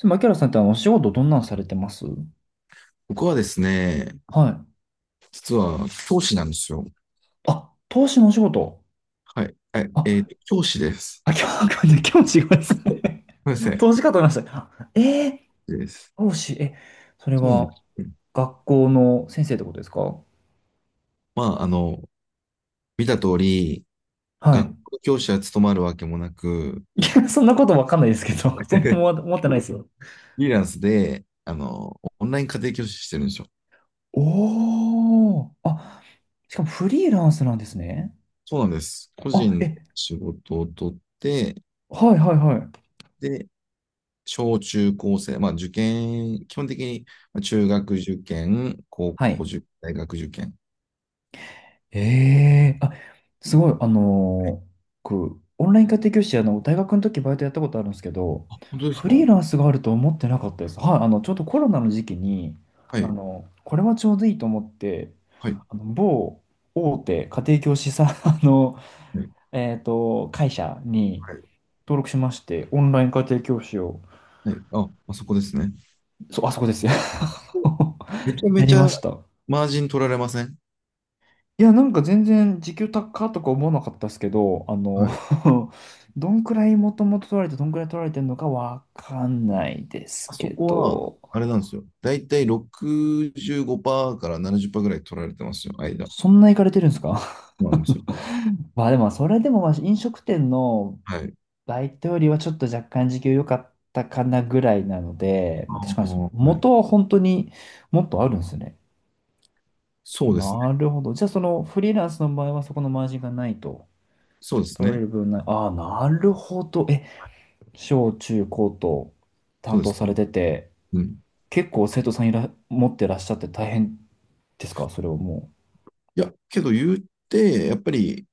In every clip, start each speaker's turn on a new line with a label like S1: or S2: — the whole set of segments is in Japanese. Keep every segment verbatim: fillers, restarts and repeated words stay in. S1: でも、キ原さんってあの、お仕事どんなんされてます？
S2: 僕はですね、
S1: はい。
S2: 実は教師なんですよ。
S1: あ、投資のお仕事。
S2: はい。えっ、えー
S1: あ、
S2: と教師です。
S1: あ、今日わかんない。今日違います
S2: そ
S1: ね。
S2: うです ね。
S1: 投資かと思いました。あえー、
S2: です。
S1: 投資、え、それ
S2: そうなんで
S1: は、
S2: す。うん。
S1: 学校の先生ってことですか？
S2: まあ、あの、見た通り、
S1: は
S2: 学
S1: い。
S2: 校教師は務まるわけもなく、
S1: いや、そんなことわかんないですけど、そんな
S2: フ
S1: もん思ってないですよ。
S2: リーランスで、あの、オンライン家庭教師してるんですよ。
S1: おー。あ、しかもフリーランスなんですね。
S2: そうなんです。個
S1: あ、
S2: 人で
S1: え、
S2: 仕事を取って、
S1: はいはいはい。
S2: で、小中高生、まあ受験、基本的に、まあ中学受験、高
S1: はい。
S2: 校受験、大学受験。
S1: ええあ、すごい、あのー僕、オンライン家庭教師、あの、大学の時バイトやったことあるんですけど、
S2: 本当です
S1: フ
S2: か？は
S1: リーランスがあると思ってなかったです。はい、あの、ちょうどコロナの時期に、あ
S2: い。
S1: の、これはちょうどいいと思って、
S2: はい。
S1: あの、某大手家庭教師さん、あの、えっと、会社に
S2: はい。
S1: 登録しまして、オンライン家庭教師を、
S2: はい。あ、あそこですね。
S1: そう、あそこですよ。
S2: めちゃ
S1: や
S2: め
S1: り
S2: ち
S1: ま
S2: ゃ
S1: した。
S2: マージン取られません？
S1: いや、なんか全然時給高とか思わなかったですけど、あ
S2: は
S1: の
S2: い。
S1: どんくらいもともと取られて、どんくらい取られてるのかわかんないで
S2: あ
S1: す
S2: そ
S1: け
S2: こは、
S1: ど、
S2: あれなんですよ。だいたいろくじゅうごパーセントからななじゅっパーセントぐらい取られてますよ、間。そ
S1: そんな行かれてるんですか？
S2: うなんですよ。
S1: まあでも、それでもまあ飲食店の
S2: はい。
S1: バイトよりはちょっと若干時給良かったかなぐらいなので、まあ
S2: あ
S1: 確かにそ
S2: ーはい。
S1: 元は本当にもっとあるんですね。
S2: そうです
S1: な
S2: ね。
S1: るほど。じゃあそのフリーランスの場合はそこのマージンがないと。
S2: そうです
S1: 取ら
S2: ね。
S1: れる分ない。ああ、なるほど。え、小中高と
S2: そ
S1: 担
S2: うで
S1: 当
S2: す
S1: さ
S2: ね。
S1: れてて、
S2: うん。
S1: 結構生徒さんいら、持ってらっしゃって大変ですかそれをも
S2: いや、けど言って、やっぱり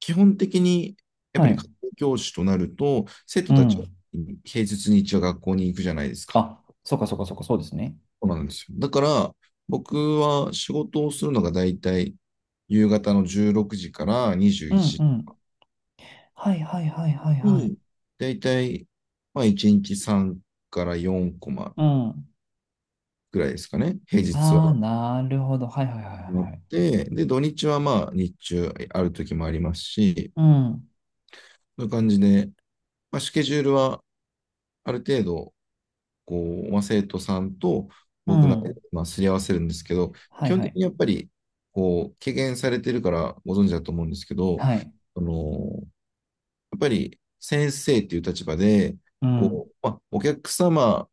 S2: 基本的に、や
S1: う。
S2: っ
S1: は
S2: ぱり家
S1: い。
S2: 庭教師となると、生徒
S1: う
S2: たちは
S1: ん。
S2: 平日に一応学校に行くじゃないですか。
S1: あ、そうかそうかそうか、そうですね。
S2: そうなんですよ。だから、僕は仕事をするのが大体夕方のじゅうろくじから21
S1: うんう
S2: 時
S1: ん。はいはいはいはいはい。
S2: に、大体、まあいちにちさんからよんコマ
S1: うん。
S2: ぐらいですかね。平日
S1: ああ、
S2: は
S1: なるほど。はいはいはいは
S2: あ
S1: い
S2: っ
S1: はい。
S2: て、で、土日はまあ日中ある時もありますし、
S1: うん。
S2: そういう感じで、まあ、スケジュールはある程度、こう、まあ、生徒さんと
S1: う
S2: 僕の、
S1: ん。
S2: まあ、すり合わせるんですけど、
S1: は
S2: 基
S1: い
S2: 本
S1: は
S2: 的
S1: い。
S2: にやっぱり、こう、経験されてるからご存知だと思うんですけど、
S1: はい。
S2: あの、やっぱり先生っていう立場で、
S1: うん。
S2: こう、まあ、お客様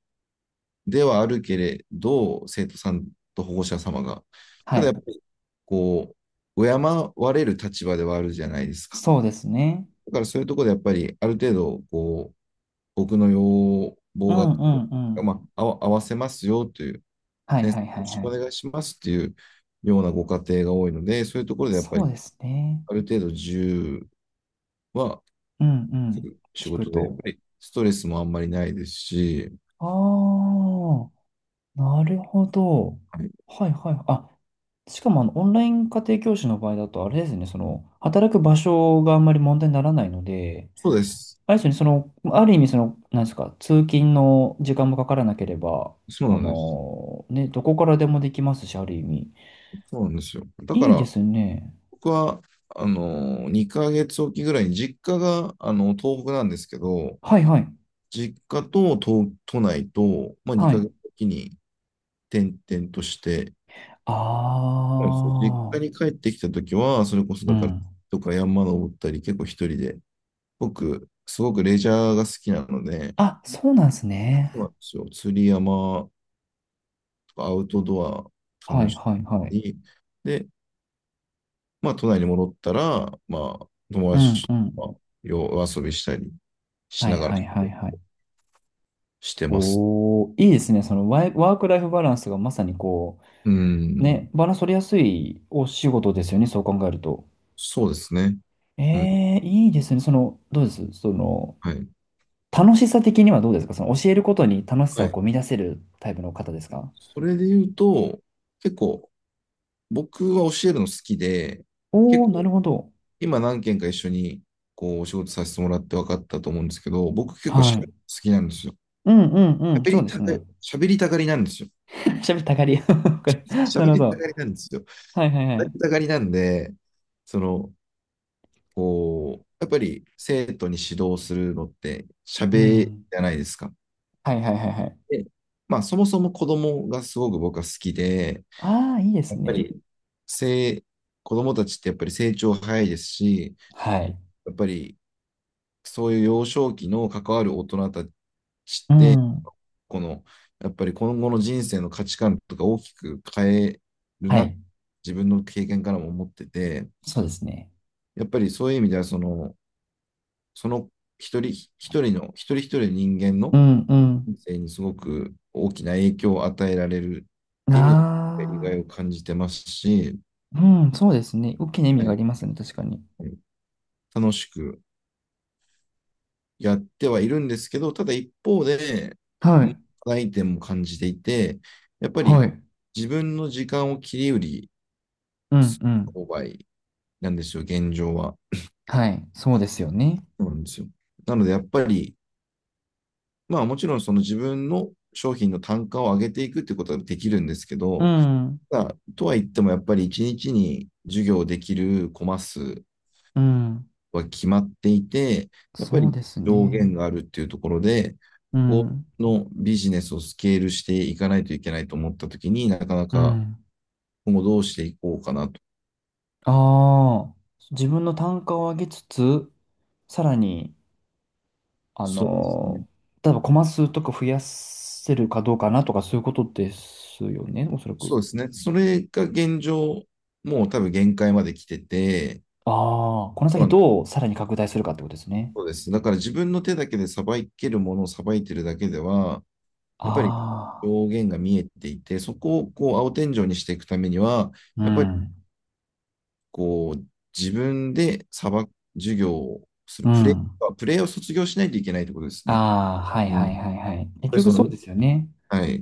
S2: ではあるけれど、生徒さんと保護者様が、
S1: は
S2: ただやっ
S1: い。
S2: ぱり、こう、敬われる立場ではあるじゃないですか。
S1: そうですね。
S2: だからそういうところでやっぱり、ある程度、こう、僕の要
S1: う
S2: 望が、
S1: んうんうん。
S2: まあ、あわ合わせますよという
S1: はい
S2: 先生、
S1: は
S2: よ
S1: いは
S2: ろ
S1: い
S2: し
S1: は
S2: くお
S1: い。
S2: 願いしますっていうようなご家庭が多いので、そういうところでやっぱ
S1: そう
S2: り
S1: ですね。
S2: ある程度自由は
S1: うんうん。
S2: 仕
S1: 聞く
S2: 事で、やっ
S1: と。
S2: ぱりストレスもあんまりないですし、
S1: ああ。なるほど。
S2: はい、
S1: はいはい。あ、しかもあの、オンライン家庭教師の場合だと、あれですね、その、働く場所があんまり問題にならないので、
S2: そうです。
S1: あれですよね、その、ある意味、その、なんですか、通勤の時間もかからなければ、
S2: そ
S1: こ
S2: うなんです。
S1: の、ね、どこからでもできますし、ある意味。
S2: そうなんですよ。だか
S1: いいで
S2: ら、
S1: すね。
S2: 僕は、あの、にかげつおきぐらいに実家が、あの、東北なんですけど、
S1: はいはい。
S2: 実家と都、都内と、まあ、
S1: は
S2: 2ヶ
S1: い。
S2: 月おきに転々として、そうです、実
S1: あ
S2: 家
S1: あ、
S2: に帰ってきたときは、それこそ
S1: う
S2: だから、
S1: ん。
S2: とか山登ったり、結構一人で、僕、すごくレジャーが好きなので、
S1: あ、そうなんですね。
S2: そうなんですよ。釣り、山とかアウトドア
S1: は
S2: 楽
S1: い
S2: し
S1: はい
S2: んだ
S1: はい。
S2: り、で、まあ、都内に戻ったら、まあ、友
S1: うん
S2: 達
S1: うん。
S2: と夜遊びしたりし
S1: は
S2: な
S1: い
S2: がら
S1: はいはいはい。
S2: してます。
S1: おー、いいですね。そのワイ、ワークライフバランスがまさにこ
S2: う
S1: う、
S2: ん、
S1: ね、バランス取りやすいお仕事ですよね。そう考えると。
S2: そうですね。うん、
S1: えー、いいですね。その、どうですその、
S2: はい。
S1: 楽しさ的にはどうですかその教えることに楽しさ
S2: は
S1: を
S2: い。
S1: こう見出せるタイプの方ですか？
S2: それで言うと、結構、僕は教えるの好きで、結
S1: おー、な
S2: 構、
S1: るほど。
S2: 今何件か一緒に、こう、お仕事させてもらって分かったと思うんですけど、僕結構
S1: は
S2: 喋る
S1: い。
S2: の好きなんですよ。
S1: うんうんうん。
S2: 喋
S1: そう
S2: り
S1: で
S2: た
S1: す
S2: が、
S1: ね。
S2: 喋りたがりなんですよ。
S1: 喋ったがり。わかるな
S2: 喋
S1: るほ
S2: りた
S1: ど。
S2: がりなんですよ。
S1: はいはいは
S2: 喋
S1: い。
S2: りたがりなんで、その、こう、やっぱり生徒に指導するのって
S1: う
S2: 喋り
S1: ん。
S2: じゃないですか。
S1: はいはいはいはい。
S2: で、まあ、そもそも子供がすごく僕は好きで、
S1: ああ、いいで
S2: や
S1: す
S2: っぱ
S1: ね。
S2: り、せい、子供たちってやっぱり成長早いですし、
S1: はい。
S2: やっぱりそういう幼少期の関わる大人たち
S1: う
S2: って、
S1: ん。
S2: この、やっぱり今後の人生の価値観とか大きく変える
S1: は
S2: な、
S1: い。
S2: 自分の経験からも思ってて、
S1: そうですね。
S2: やっぱりそういう意味では、その、その一人一人の、一人一人の人間
S1: う
S2: の
S1: んうん。
S2: 人生にすごく大きな影響を与えられるっていう意味では、やりが
S1: あ
S2: い
S1: あ、
S2: を感じてますし、
S1: うん、そうですね。大きな意味
S2: は
S1: があ
S2: い、
S1: りますね、確かに。
S2: はい、楽しくやってはいるんですけど、ただ一方で、
S1: は
S2: う
S1: い、
S2: 課題点も感じていて、やっぱ
S1: は
S2: り
S1: い。
S2: 自分の時間を切り売り
S1: うん、
S2: す
S1: うん。
S2: る購買なんですよ、現状は。
S1: はい、そうですよね。
S2: そうなんですよ。なので、やっぱり、まあもちろんその自分の商品の単価を上げていくってことはできるんですけ
S1: う
S2: ど、
S1: ん、
S2: ただとは言ってもやっぱりいちにちに授業できるコマ数
S1: うん。
S2: は決まっていて、やっぱ
S1: そう
S2: り
S1: です
S2: 上
S1: ね。
S2: 限があるっていうところで、
S1: う
S2: こ
S1: ん、
S2: のビジネスをスケールしていかないといけないと思ったときに、なかな
S1: う
S2: か
S1: ん。
S2: 今後どうしていこうかなと。
S1: ああ、自分の単価を上げつつ、さらに、あ
S2: そうですね。
S1: のー、例えばコマ数とか増やせるかどうかなとか、そういうことですよね、おそらく。
S2: そうですね。それが現状、もう多分限界まで来てて、
S1: ああ、この
S2: ま
S1: 先
S2: あ
S1: どうさらに拡大するかってことですね。
S2: そうです。だから自分の手だけでさばけるものをさばいてるだけでは、やっぱり
S1: あ
S2: 上限が見えていて、そこをこう青天井にしていくためには、
S1: あ、う
S2: やっぱり、
S1: ん、
S2: こう、自分で裁く授業をす
S1: う
S2: る、プレイ
S1: ん。
S2: は、プレイを卒業しないといけないってことですね。
S1: ああ、はい
S2: うん。
S1: は
S2: や
S1: い
S2: っ
S1: はいはい。結
S2: ぱり
S1: 局
S2: そ
S1: そう
S2: の、
S1: ですよね。
S2: はい。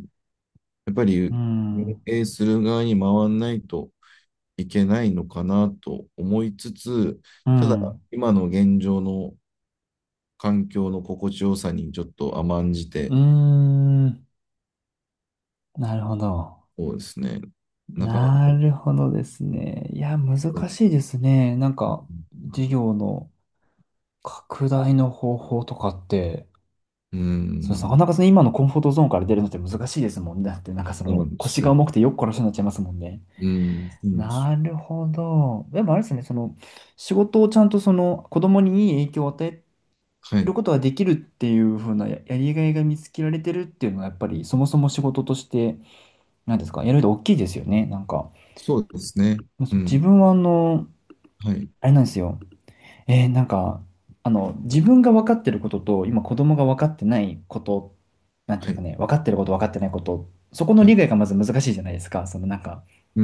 S2: やっぱ
S1: う
S2: り運
S1: ん。
S2: 営する側に回らないといけないのかなと思いつつ、
S1: う
S2: ただ、
S1: ん。
S2: 今の現状の環境の心地よさにちょっと甘んじ
S1: う
S2: て、
S1: ーん。なるほど。
S2: そうですね。なかなか、
S1: なるほどですね。いや、難しいですね。なんか、事業の拡大の方法とかって、
S2: う
S1: そう、なか
S2: ん、
S1: なかその今のコンフォートゾーンから出るのって難しいですもんね。だって、なんかそ
S2: そうな
S1: の
S2: んで
S1: 腰
S2: す
S1: が
S2: よ。
S1: 重くてよく殺しになっちゃいますもんね。
S2: うん、そうなんですよ。
S1: なるほど。でもあれですね、その仕事をちゃんとその子供にいい影響を与え
S2: は
S1: る
S2: い。
S1: ことができるっていう風なや、やりがいが見つけられてるっていうのはやっぱりそもそも仕事として何ですかやると大きいですよねなんか
S2: そうですね。
S1: そう
S2: う
S1: 自
S2: ん。
S1: 分はあの
S2: はい。
S1: あれなんですよえーなんかあの自分が分かってることと今子供が分かってないことなんていう
S2: は
S1: んですか
S2: い。
S1: ね分かってること分かってないことそこの
S2: は
S1: 理
S2: い。
S1: 解がまず難しいじゃないですかそのなんか
S2: うー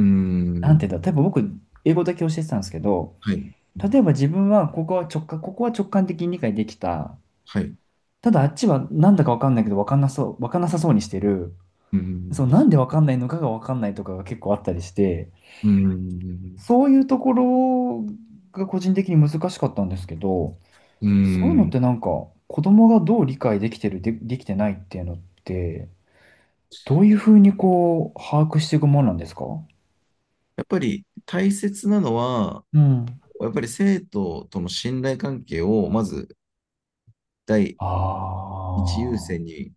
S1: なんてい
S2: ん。
S1: うんだ例えば僕英語だけ教えてたんですけど
S2: はい。う
S1: 例
S2: ん、
S1: えば自分はここは直感ここは直感的に理解できた
S2: はい。う
S1: ただあっちはなんだかわかんないけどわかんなそう、わかんなさそうにしてる。
S2: ー
S1: そ
S2: ん。
S1: う、なんでわかんないのかがわかんないとかが結構あったりして、
S2: うーん。
S1: そういうところが個人的に難しかったんですけど、
S2: う
S1: そういうの
S2: ー
S1: っ
S2: ん。
S1: てなんか子供がどう理解できてる、で、できてないっていうのって、どういうふうにこう把握していくもんなんですか？
S2: やっぱり大切なのは、
S1: うん。
S2: やっぱり生徒との信頼関係を、まず第
S1: あ
S2: 一優先
S1: あ。
S2: に、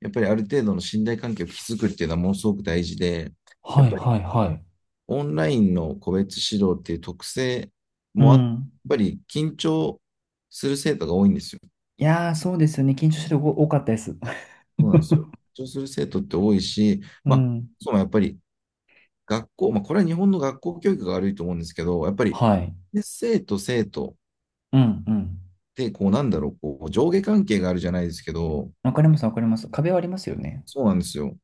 S2: やっぱりある程度の信頼関係を築くっていうのはものすごく大事で、や
S1: は
S2: っ
S1: い
S2: ぱり
S1: はいはい。
S2: オンラインの個別指導っていう特性
S1: う
S2: もあ、やっ
S1: ん。
S2: ぱり緊張する生徒が多いんですよ。
S1: いやー、そうですよね。緊張してる子多かったです。
S2: そうなんですよ。緊張する生徒って多いし、
S1: う
S2: まあ、
S1: ん。
S2: そうやっぱり学校、まあ、これは日本の学校教育が悪いと思うんですけど、やっぱり、
S1: はい。
S2: ね生徒生徒っ
S1: うんうん。
S2: て、こう、なんだろう、こう、上下関係があるじゃないですけど、
S1: わかりますわかります。壁はありますよね。
S2: そうなんですよ。だか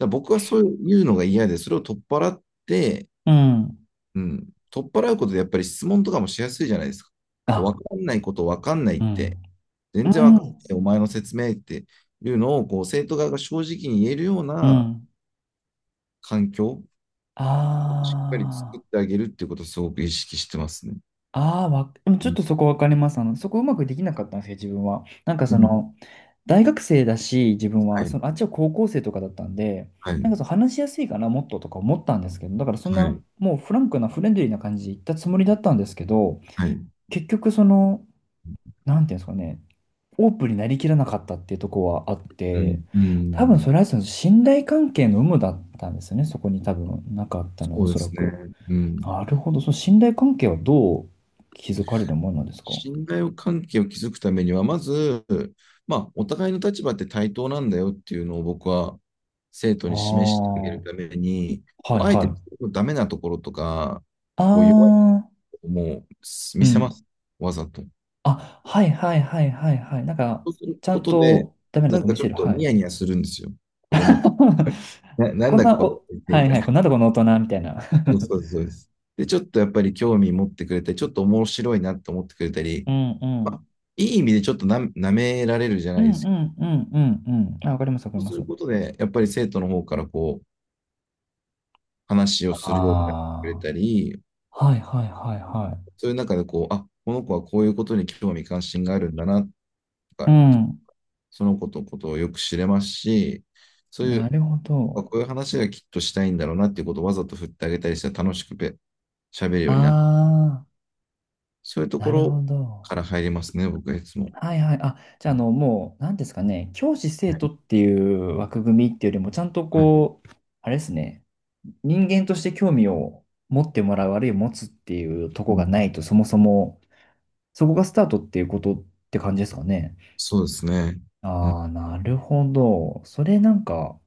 S2: ら僕はそういうのが嫌で、それを取っ払って、
S1: うん。
S2: うん、取っ払うことで、やっぱり質問とかもしやすいじゃないですか。こう、
S1: あ、
S2: かんないこと分かんないっ
S1: う
S2: て、
S1: ん。う
S2: 全然わかん
S1: ん。
S2: ない、お前の説明っていうのを、こう、生徒側が正直に言えるよう
S1: う
S2: な
S1: ん。
S2: 環境をしっかり作っ
S1: あ
S2: てあげるっていうことをすごく意識してますね。
S1: あ、ああ、わ、でもち
S2: う
S1: ょっ
S2: ん、
S1: とそこわかります。あの、そこうまくできなかったんですよ、自分は。なんか
S2: う
S1: そ
S2: ん、
S1: の、大学生だし、自分
S2: は
S1: は、そ
S2: い、
S1: の、あっちは高校生とかだったんで、
S2: は
S1: な
S2: い。
S1: んかそう話しやすいかな、もっととか思ったんですけど、だからそん
S2: は
S1: な、
S2: い。
S1: もうフランクなフレンドリーな感じで言ったつもりだったんですけど、
S2: はい。
S1: 結局その、なんていうんですかね、オープンになりきらなかったっていうとこはあっ
S2: う
S1: て、
S2: ん、う
S1: 多分
S2: ん、
S1: それはその信頼関係の有無だったんですよね、そこに多分なかったの
S2: そ
S1: お
S2: うで
S1: そら
S2: すね。
S1: く。
S2: うん。
S1: なるほど。その信頼関係はどう築かれるものなんですか？
S2: 信頼関係を築くためには、まず、まあ、お互いの立場って対等なんだよっていうのを僕は生徒
S1: ああ
S2: に示してあげるた
S1: ー、
S2: めに、こ
S1: はい
S2: う、あえ
S1: は
S2: て自
S1: い。
S2: 分のダメなところとか、
S1: あ
S2: こう弱いと
S1: あ、
S2: ころも
S1: う
S2: 見せま
S1: ん。
S2: す。わざと。
S1: あ、はいはいはいはいはい。なんか、
S2: そうする
S1: ちゃ
S2: こ
S1: ん
S2: とで、
S1: とダメな
S2: な
S1: と
S2: ん
S1: こ
S2: か
S1: 見
S2: ちょ
S1: せ
S2: っ
S1: る。
S2: と
S1: は
S2: ニ
S1: い。
S2: ヤニヤするんですよ。子供って。な、なん
S1: こん
S2: だこ
S1: な、
S2: の子っ
S1: お、
S2: て
S1: は
S2: み
S1: い
S2: た
S1: は
S2: い
S1: い。
S2: な。
S1: こんなとこの大人みたいな。
S2: そうそうですそうです。で、ちょっとやっぱり興味持ってくれたり、ちょっと面白いなって思ってくれた り、
S1: うんう
S2: まあ、
S1: ん。
S2: いい意味でちょっとな、舐められるじゃ
S1: う
S2: ない
S1: ん
S2: で
S1: う
S2: すけ
S1: んうんうんうん。あ、わかります、わか
S2: ど、
S1: り
S2: そう
S1: ま
S2: する
S1: す。
S2: ことで、やっぱり生徒の方からこう、話をするようになってくれ
S1: あ
S2: たり、
S1: あ、はいはいはいは
S2: そういう中でこう、あ、この子はこういうことに興味関心があるんだな、と
S1: い。う
S2: か、
S1: ん。
S2: その子のことをよく知れますし、そうい
S1: な
S2: う、
S1: るほ
S2: あ、
S1: ど。
S2: こういう話がきっとしたいんだろうなっていうことをわざと振ってあげたりしたら、楽しくべ喋るようになる。
S1: ああ、
S2: そういうと
S1: な
S2: こ
S1: る
S2: ろ
S1: ほ
S2: か
S1: ど。
S2: ら入りますね、僕はいつも。
S1: はいはい。あ、じゃあ、あの、もう、なんですかね、教師生
S2: は
S1: 徒
S2: い。
S1: っていう枠組みっていうよりも、ちゃんと
S2: はい、
S1: こう、あれですね、人間として興味を持ってもらう、あるいは持つっていうと
S2: う
S1: こが
S2: ん、
S1: ないと、そもそも、そこがスタートっていうことって感じですかね。
S2: そうですね。うん。
S1: ああ、なるほど。それなんか、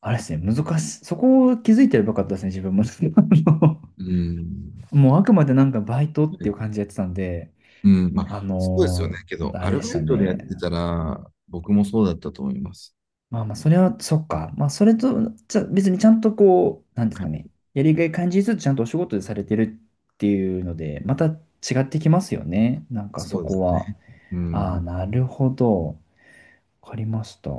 S1: あれですね、難しい。そこを気づいてればよかったですね、自分も。あの
S2: うん。
S1: もう、あくまでなんかバイトっていう
S2: ね、
S1: 感じでやってたんで、
S2: うん。ま
S1: あ
S2: あ、そうですよね。
S1: のー
S2: けど、
S1: あ
S2: ア
S1: れ
S2: ル
S1: でし
S2: バ
S1: た
S2: イトでやっ
S1: ね。
S2: てたら、僕もそうだったと思います。
S1: まあまあ、それは、そっか。まあ、それと、じゃ、別にちゃんとこう、なんです
S2: は
S1: かね。
S2: い。
S1: やりがい感じずつちゃんとお仕事でされてるっていうので、また違ってきますよね。なんかそ
S2: そうで
S1: こ
S2: す
S1: は。
S2: ね。う
S1: ああ、
S2: ん。
S1: なるほど。わかりました。